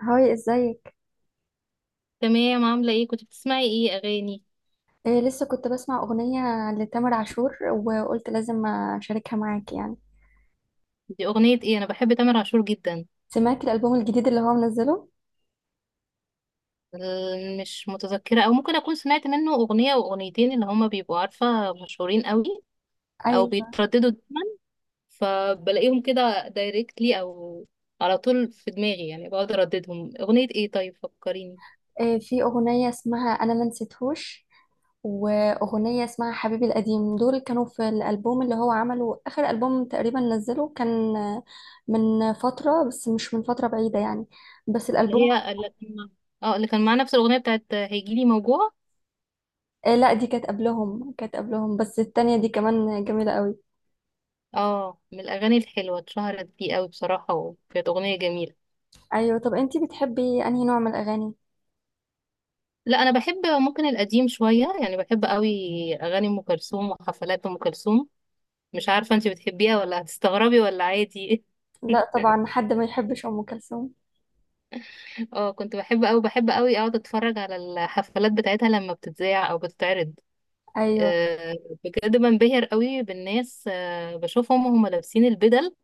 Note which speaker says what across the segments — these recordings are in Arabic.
Speaker 1: هاي، ازيك؟
Speaker 2: تمام، عاملة ايه؟ كنت بتسمعي ايه اغاني؟
Speaker 1: إيه، لسه كنت بسمع أغنية لتامر عاشور وقلت لازم أشاركها معاك يعني.
Speaker 2: دي اغنية ايه؟ انا بحب تامر عاشور جدا.
Speaker 1: سمعت الألبوم الجديد اللي هو منزله؟
Speaker 2: مش متذكرة، او ممكن اكون سمعت منه اغنية او اغنيتين اللي هما بيبقوا عارفة مشهورين قوي او
Speaker 1: أيوة.
Speaker 2: بيترددوا دايما، فبلاقيهم كده دايركتلي او على طول في دماغي، يعني بقعد ارددهم. اغنية ايه؟ طيب فكريني.
Speaker 1: إيه، في أغنية اسمها أنا ما نسيتهوش وأغنية اسمها حبيبي القديم. دول كانوا في الألبوم اللي هو عمله، آخر ألبوم تقريبا نزله، كان من فترة بس مش من فترة بعيدة يعني. بس
Speaker 2: اللي
Speaker 1: الألبوم.
Speaker 2: هي اللي كان مع نفس الاغنية بتاعت هيجيلي موجوع؟
Speaker 1: إيه لا، دي كانت قبلهم كانت قبلهم بس التانية دي كمان جميلة قوي.
Speaker 2: اه، من الاغاني الحلوة، اتشهرت دي قوي بصراحة وكانت اغنية جميلة.
Speaker 1: أيوة. طب أنتي بتحبي أنهي نوع من الأغاني؟
Speaker 2: لا، انا بحب ممكن القديم شويه، يعني بحب قوي اغاني ام كلثوم وحفلات ام كلثوم. مش عارفه انت بتحبيها ولا هتستغربي ولا عادي؟
Speaker 1: لا طبعا، حد ما يحبش ام كلثوم.
Speaker 2: اه، كنت بحب قوي، بحب قوي اقعد اتفرج على الحفلات بتاعتها لما بتتذاع او بتتعرض.
Speaker 1: ايوه.
Speaker 2: آه، بجد بنبهر قوي بالناس، بشوفهم وهم لابسين البدل.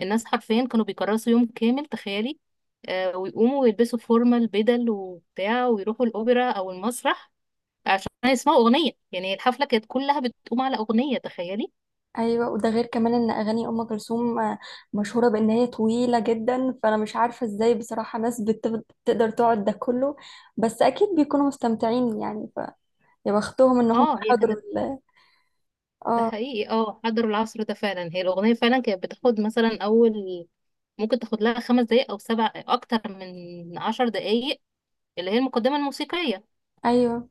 Speaker 2: الناس حرفيا كانوا بيكرسوا يوم كامل، تخيلي، ويقوموا ويلبسوا فورمال بدل وبتاع ويروحوا الاوبرا او المسرح عشان يسمعوا اغنيه. يعني الحفله كانت كلها بتقوم على اغنيه، تخيلي.
Speaker 1: ايوه، وده غير كمان ان اغاني ام كلثوم مشهوره بان هي طويله جدا، فانا مش عارفه ازاي بصراحه ناس بتقدر تقعد ده كله. بس اكيد بيكونوا مستمتعين يعني فيا. بختهم ان هم
Speaker 2: اه هي
Speaker 1: حضروا
Speaker 2: كانت، ده
Speaker 1: اه.
Speaker 2: حقيقي، اه حضروا العصر ده فعلا. هي الاغنيه فعلا كانت بتاخد مثلا اول، ممكن تاخد لها 5 دقايق او سبع، اكتر من 10 دقايق، اللي هي المقدمه الموسيقيه.
Speaker 1: ايوه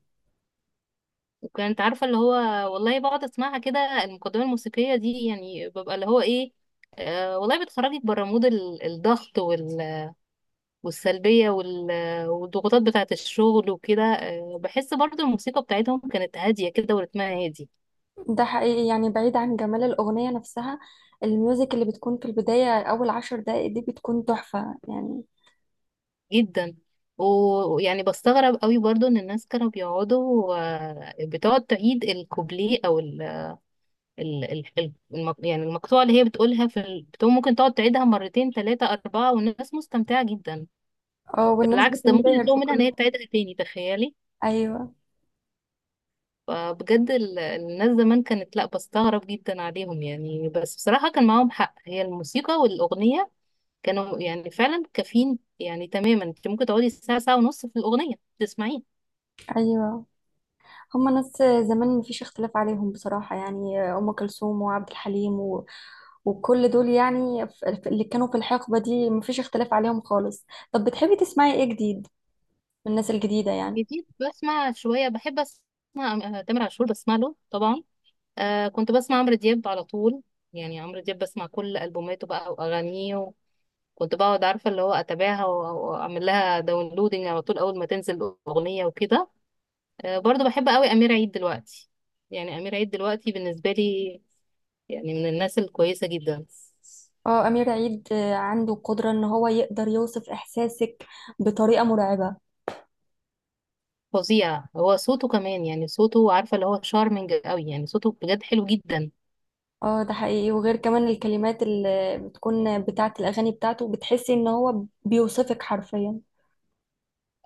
Speaker 2: وكانت عارفه اللي هو، والله بقعد اسمعها كده، المقدمه الموسيقيه دي، يعني ببقى اللي هو ايه، آه والله بتخرجك بره مود الضغط والسلبية والضغوطات بتاعة الشغل وكده. بحس برضو الموسيقى بتاعتهم كانت هادية كده ورتمها هادي
Speaker 1: ده حقيقي، يعني بعيد عن جمال الاغنيه نفسها، الميوزك اللي بتكون في البدايه اول 10 دقائق دي بتكون تحفه يعني.
Speaker 2: جدا. ويعني بستغرب قوي برضو ان الناس كانوا بيقعدوا، بتقعد تعيد الكوبليه او يعني المقطوعة اللي هي بتقولها في بتقوم ممكن تقعد تعيدها مرتين ثلاثة أربعة والناس مستمتعة جدا.
Speaker 1: اه، والناس
Speaker 2: بالعكس، ده ممكن
Speaker 1: بتنبهر
Speaker 2: يطلبوا
Speaker 1: في
Speaker 2: منها ان
Speaker 1: كل.
Speaker 2: هي تعيدها تاني، تخيلي.
Speaker 1: ايوه.
Speaker 2: فبجد الناس زمان كانت، لا، بستغرب جدا عليهم يعني، بس بصراحة كان معاهم حق، هي الموسيقى والأغنية كانوا يعني فعلا كافيين. يعني تماما انت ممكن تقعدي ساعة ساعة ونص في الأغنية تسمعيه.
Speaker 1: ايوه، هما ناس زمان مفيش اختلاف عليهم بصراحة، يعني أم كلثوم وعبد الحليم وكل دول يعني، اللي كانوا في الحقبة دي مفيش اختلاف عليهم خالص. طب بتحبي تسمعي ايه جديد من الناس الجديدة يعني؟
Speaker 2: جديد بسمع شوية، بحب أسمع تامر عاشور، بسمع له طبعا. آه، كنت بسمع عمرو دياب على طول، يعني عمرو دياب بسمع كل ألبوماته بقى وأغانيه. كنت بقعد عارفة اللي هو أتابعها وأعمل لها داونلودنج على طول أول ما تنزل أغنية وكده. برضو بحب قوي أمير عيد دلوقتي. يعني أمير عيد دلوقتي بالنسبة لي يعني من الناس الكويسة جدا.
Speaker 1: اه أمير عيد، عنده قدرة ان هو يقدر يوصف إحساسك بطريقة مرعبة.
Speaker 2: فظيع، هو صوته كمان، يعني صوته عارفة اللي هو شارمنج قوي، يعني صوته بجد حلو جدا.
Speaker 1: اه ده حقيقي، وغير كمان الكلمات اللي بتكون بتاعة الأغاني بتاعته بتحسي ان هو بيوصفك حرفيا.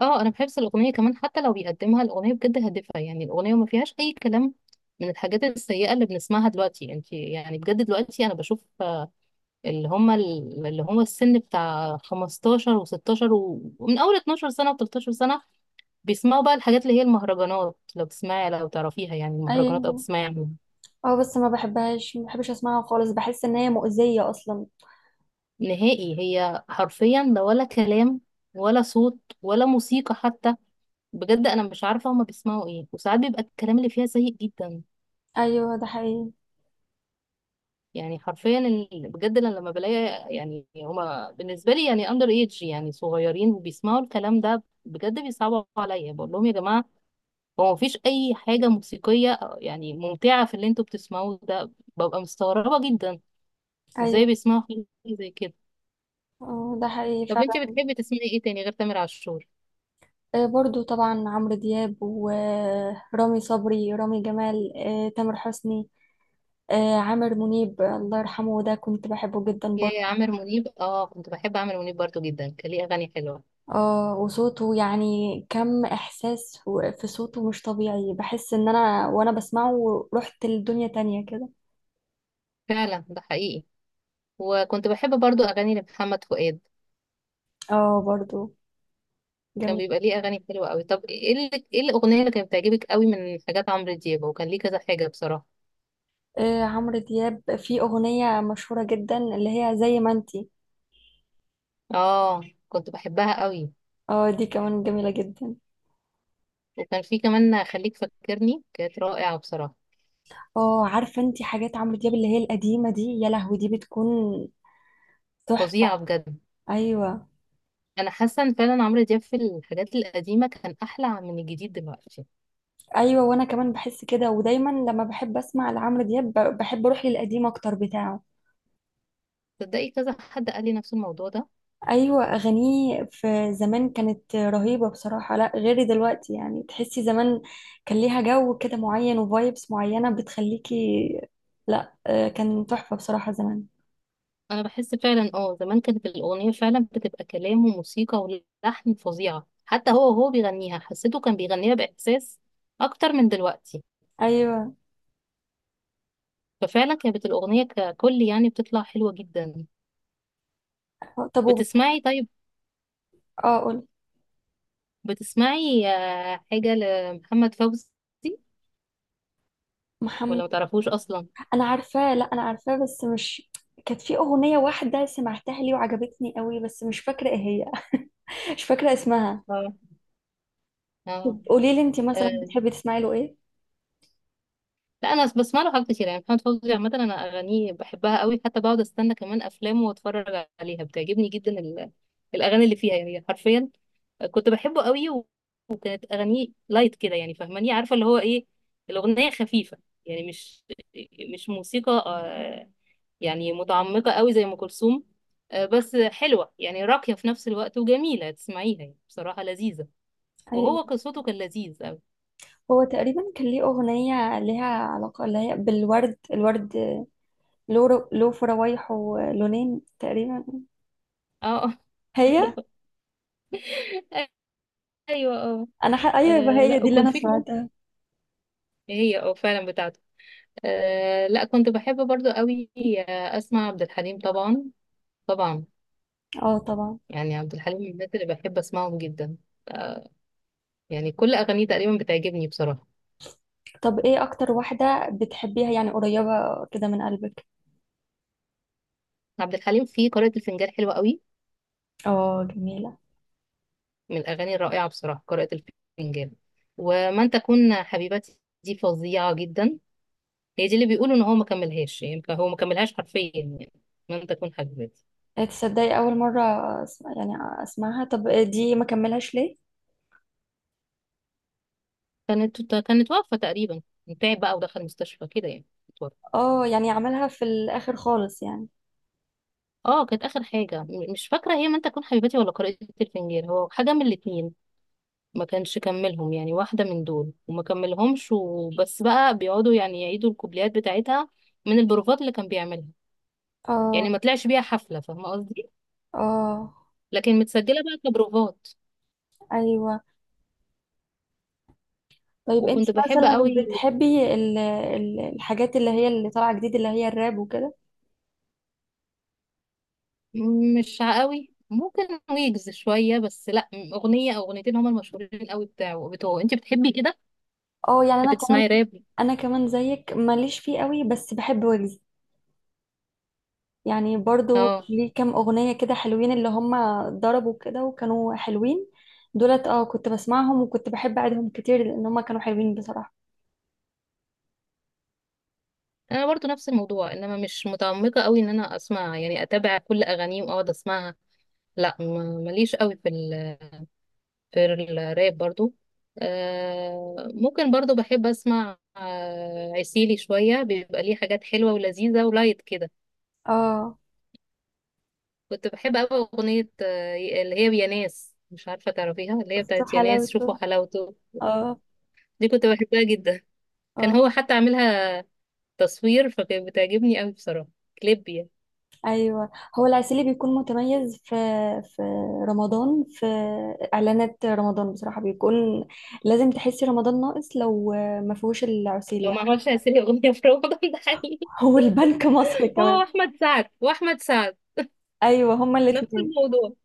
Speaker 2: اه انا بحب الأغنية كمان، حتى لو بيقدمها، الأغنية بجد هادفة، يعني الأغنية ما فيهاش أي كلام من الحاجات السيئة اللي بنسمعها دلوقتي. انت يعني بجد دلوقتي أنا بشوف، اللي هم اللي هو السن بتاع 15 و16، ومن أول 12 سنة و13 سنة بيسمعوا بقى الحاجات اللي هي المهرجانات. لو تسمعي، لو تعرفيها، يعني المهرجانات، او
Speaker 1: ايوه.
Speaker 2: تسمعي عنها.
Speaker 1: اه بس ما بحبهاش، ما بحبش اسمعها خالص، بحس ان هي مؤذية اصلا.
Speaker 2: نهائي، هي حرفيا ده ولا كلام ولا صوت ولا موسيقى حتى. بجد انا مش عارفه هما بيسمعوا ايه، وساعات بيبقى الكلام اللي فيها سيء جدا.
Speaker 1: ايوه ده حقيقي.
Speaker 2: يعني حرفيا بجد أنا لما بلاقي، يعني هما بالنسبه لي يعني اندر ايدج، يعني صغيرين وبيسمعوا الكلام ده، بجد بيصعبوا عليا، بقول لهم يا جماعه هو مفيش اي حاجه موسيقيه يعني ممتعه في اللي انتوا بتسمعوه ده. ببقى مستغربه جدا ازاي
Speaker 1: ايوه.
Speaker 2: بيسمعوا حاجة زي كده.
Speaker 1: ده حقيقي
Speaker 2: طب انت
Speaker 1: فعلا.
Speaker 2: بتحبي تسمعي ايه تاني غير تامر عاشور؟
Speaker 1: برضو طبعا عمرو دياب ورامي صبري، رامي جمال، تامر حسني، عامر منيب، الله يرحمه، ده كنت بحبه جدا
Speaker 2: يا
Speaker 1: برضو.
Speaker 2: عامر منيب، اه كنت بحب عامر منيب برضو جدا، كان ليه اغاني حلوة.
Speaker 1: اه وصوته يعني، كم احساس في صوته مش طبيعي، بحس ان انا وانا بسمعه رحت لدنيا تانية كده.
Speaker 2: فعلا ده حقيقي. وكنت بحب برضو اغاني لمحمد فؤاد،
Speaker 1: اه برضو
Speaker 2: كان
Speaker 1: جميل.
Speaker 2: بيبقى ليه اغاني حلوة قوي. طب ايه اللي، ايه الاغنية اللي كانت بتعجبك قوي من حاجات عمرو دياب؟ وكان ليه كذا حاجة بصراحة.
Speaker 1: عمرو دياب في اغنية مشهورة جدا اللي هي زي ما انتي.
Speaker 2: اه كنت بحبها قوي.
Speaker 1: اه دي كمان جميلة جدا.
Speaker 2: وكان في كمان خليك فاكرني، كانت رائعة بصراحة.
Speaker 1: اه عارفة انتي حاجات عمرو دياب اللي هي القديمة دي، يا لهوي دي بتكون تحفة.
Speaker 2: فظيعة بجد.
Speaker 1: ايوه.
Speaker 2: انا حاسة ان فعلا عمرو دياب في الحاجات القديمة كان احلى من الجديد دلوقتي.
Speaker 1: ايوه وانا كمان بحس كده، ودايما لما بحب اسمع لعمرو دياب بحب اروح للقديم اكتر بتاعه.
Speaker 2: تصدقي كذا حد قال لي نفس الموضوع ده.
Speaker 1: ايوه، اغانيه في زمان كانت رهيبة بصراحة، لا غير دلوقتي يعني، تحسي زمان كان ليها جو كده معين وفايبس معينة بتخليكي، لا، كان تحفة بصراحة زمان.
Speaker 2: انا بحس فعلا، اه، زمان كانت الاغنيه فعلا بتبقى كلام وموسيقى ولحن فظيعه، حتى هو وهو بيغنيها حسيته كان بيغنيها باحساس اكتر من دلوقتي.
Speaker 1: ايوه.
Speaker 2: ففعلا كانت الاغنيه ككل يعني بتطلع حلوه جدا.
Speaker 1: طب
Speaker 2: بتسمعي طيب،
Speaker 1: اه قول.
Speaker 2: بتسمعي حاجه لمحمد فوزي
Speaker 1: محمد،
Speaker 2: ولا ما تعرفوش اصلا؟
Speaker 1: انا عارفاه، لا انا عارفاه بس مش، كانت في اغنيه واحده سمعتها لي وعجبتني قوي بس مش فاكره ايه هي. مش فاكره اسمها.
Speaker 2: اه،
Speaker 1: طب قولي لي، انت مثلا
Speaker 2: اه،
Speaker 1: بتحبي تسمعي له ايه؟
Speaker 2: لا انا بسمع له حاجات كتير، يعني محمد فوزي عامه انا اغانيه بحبها قوي، حتى بقعد استنى كمان افلامه واتفرج عليها، بتعجبني جدا الاغاني اللي فيها يعني حرفيا. كنت بحبه قوي. وكانت اغانيه لايت كده، يعني فاهماني، عارفه اللي هو ايه، الاغنيه خفيفه، يعني مش موسيقى يعني متعمقه قوي زي ام كلثوم. بس حلوه، يعني راقيه في نفس الوقت وجميله تسمعيها، يعني بصراحه لذيذه. وهو
Speaker 1: ايوه.
Speaker 2: قصته كان لذيذ قوي.
Speaker 1: هو تقريبا كان ليه اغنيه ليها علاقه اللي هي بالورد، الورد له له فراويح ولونين تقريبا.
Speaker 2: اه.
Speaker 1: هي.
Speaker 2: ايوه اه.
Speaker 1: ايوه يبقى
Speaker 2: آه
Speaker 1: هي
Speaker 2: لا،
Speaker 1: دي اللي
Speaker 2: وكنت
Speaker 1: انا
Speaker 2: في كمان،
Speaker 1: سمعتها.
Speaker 2: هي اه فعلا بتاعته. آه لا، كنت بحب برضو قوي اسمع عبد الحليم طبعا، طبعا.
Speaker 1: اه طبعا.
Speaker 2: يعني عبد الحليم من الناس اللي بحب اسمعهم جدا. آه، يعني كل اغانيه تقريبا بتعجبني بصراحه.
Speaker 1: طب ايه اكتر واحده بتحبيها يعني، قريبه كده من قلبك؟
Speaker 2: عبد الحليم في قارئة الفنجان حلوه قوي،
Speaker 1: اه جميله.
Speaker 2: من الاغاني الرائعه بصراحه، قارئة الفنجان. ومن تكون حبيبتي دي فظيعه جدا. هي دي اللي بيقولوا ان هو ما كملهاش، يعني هو ما كملهاش حرفيا يعني، من تكون حبيبتي.
Speaker 1: إيه، تصدقي اول مره أسمع يعني، اسمعها؟ طب دي ما كملهاش ليه؟
Speaker 2: كانت واقفه تقريبا، تعب بقى ودخل مستشفى كده يعني.
Speaker 1: اه يعني عملها في الاخر خالص يعني.
Speaker 2: اه، كانت اخر حاجه، مش فاكره هي من تكون حبيبتي ولا قارئة الفنجان، هو حاجه من الاتنين ما كانش كملهم، يعني واحده من دول وما كملهمش. وبس بقى بيقعدوا يعني يعيدوا الكوبليات بتاعتها من البروفات اللي كان بيعملها، يعني
Speaker 1: اه.
Speaker 2: ما طلعش بيها حفله، فاهمه قصدي،
Speaker 1: اه.
Speaker 2: لكن متسجله بقى كبروفات.
Speaker 1: ايوه. طيب انت
Speaker 2: وكنت بحب
Speaker 1: مثلا
Speaker 2: قوي،
Speaker 1: بتحبي الحاجات اللي هي اللي طالعه جديد اللي هي الراب وكده؟
Speaker 2: مش قوي، ممكن ويجز شويه، بس لا، اغنيه او اغنيتين هما المشهورين قوي بتاعه، بتوعه. انت بتحبي كده،
Speaker 1: اه يعني
Speaker 2: بتحبي تسمعي راب؟
Speaker 1: انا كمان زيك ماليش فيه قوي، بس بحب ويجز، يعني برضو
Speaker 2: اه،
Speaker 1: ليه كام اغنيه كده حلوين اللي هم ضربوا كده وكانوا حلوين دولت. اه كنت بسمعهم وكنت بحب اعيدهم كتير لان هم كانوا حلوين بصراحه.
Speaker 2: انا برضو نفس الموضوع، انما مش متعمقه قوي ان انا اسمع يعني اتابع كل اغانيه واقعد اسمعها. لا، ماليش قوي في في الراب برضو. آه ممكن، برضو بحب اسمع آه عسيلي شويه، بيبقى ليه حاجات حلوه ولذيذه ولايت كده.
Speaker 1: اه
Speaker 2: كنت بحب قوي اغنيه آه اللي هي يا ناس، مش عارفه تعرفيها، اللي هي
Speaker 1: شفت
Speaker 2: بتاعت يا ناس
Speaker 1: حلاوته.
Speaker 2: شوفوا حلاوته.
Speaker 1: اه.
Speaker 2: دي كنت بحبها جدا. كان
Speaker 1: اه.
Speaker 2: هو حتى عاملها تصوير، فكانت بتعجبني قوي بصراحه، كليب يعني.
Speaker 1: ايوه. هو العسيلي بيكون متميز في، في رمضان، في اعلانات رمضان بصراحه بيكون، لازم تحسي رمضان ناقص لو ما فيهوش العسيلي
Speaker 2: لو ما
Speaker 1: يعني.
Speaker 2: عملش عسيلي اغنيه في رمضان. ده حقيقي.
Speaker 1: هو البنك مصر
Speaker 2: هو
Speaker 1: كمان.
Speaker 2: احمد سعد، واحمد سعد
Speaker 1: ايوه هما
Speaker 2: نفس
Speaker 1: الاثنين.
Speaker 2: الموضوع.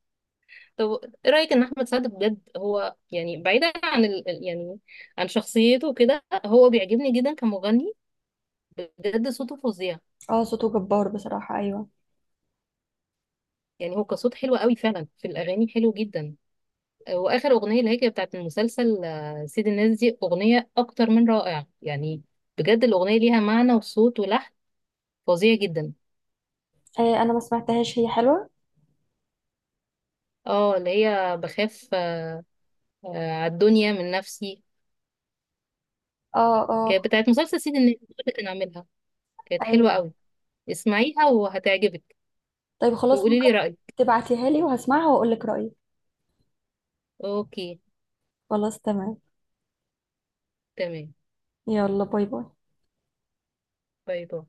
Speaker 2: طب ايه رايك ان احمد سعد بجد هو يعني، بعيدا عن يعني عن شخصيته وكده، هو بيعجبني جدا كمغني، بجد صوته فظيع.
Speaker 1: اه صوته جبار بصراحه، ايوه.
Speaker 2: يعني هو كصوت حلو قوي، فعلا في الاغاني حلو جدا. واخر اغنيه اللي هي كانت بتاعت المسلسل، سيد الناس، دي اغنيه اكتر من رائعه يعني، بجد الاغنيه ليها معنى وصوت ولحن فظيع جدا.
Speaker 1: آه انا ما سمعتهاش، هي حلوه.
Speaker 2: اه اللي هي بخاف، على الدنيا من نفسي،
Speaker 1: اه. اه.
Speaker 2: كانت بتاعت مسلسل سيد الناس اللي كان عاملها، كانت حلوة
Speaker 1: أيوة.
Speaker 2: قوي. اسمعيها وهتعجبك،
Speaker 1: طيب خلاص
Speaker 2: وقولي
Speaker 1: ممكن
Speaker 2: لي رأيك.
Speaker 1: تبعتيها لي وهسمعها واقول لك رايي.
Speaker 2: اوكي،
Speaker 1: خلاص تمام.
Speaker 2: تمام.
Speaker 1: يلا باي باي.
Speaker 2: باي باي.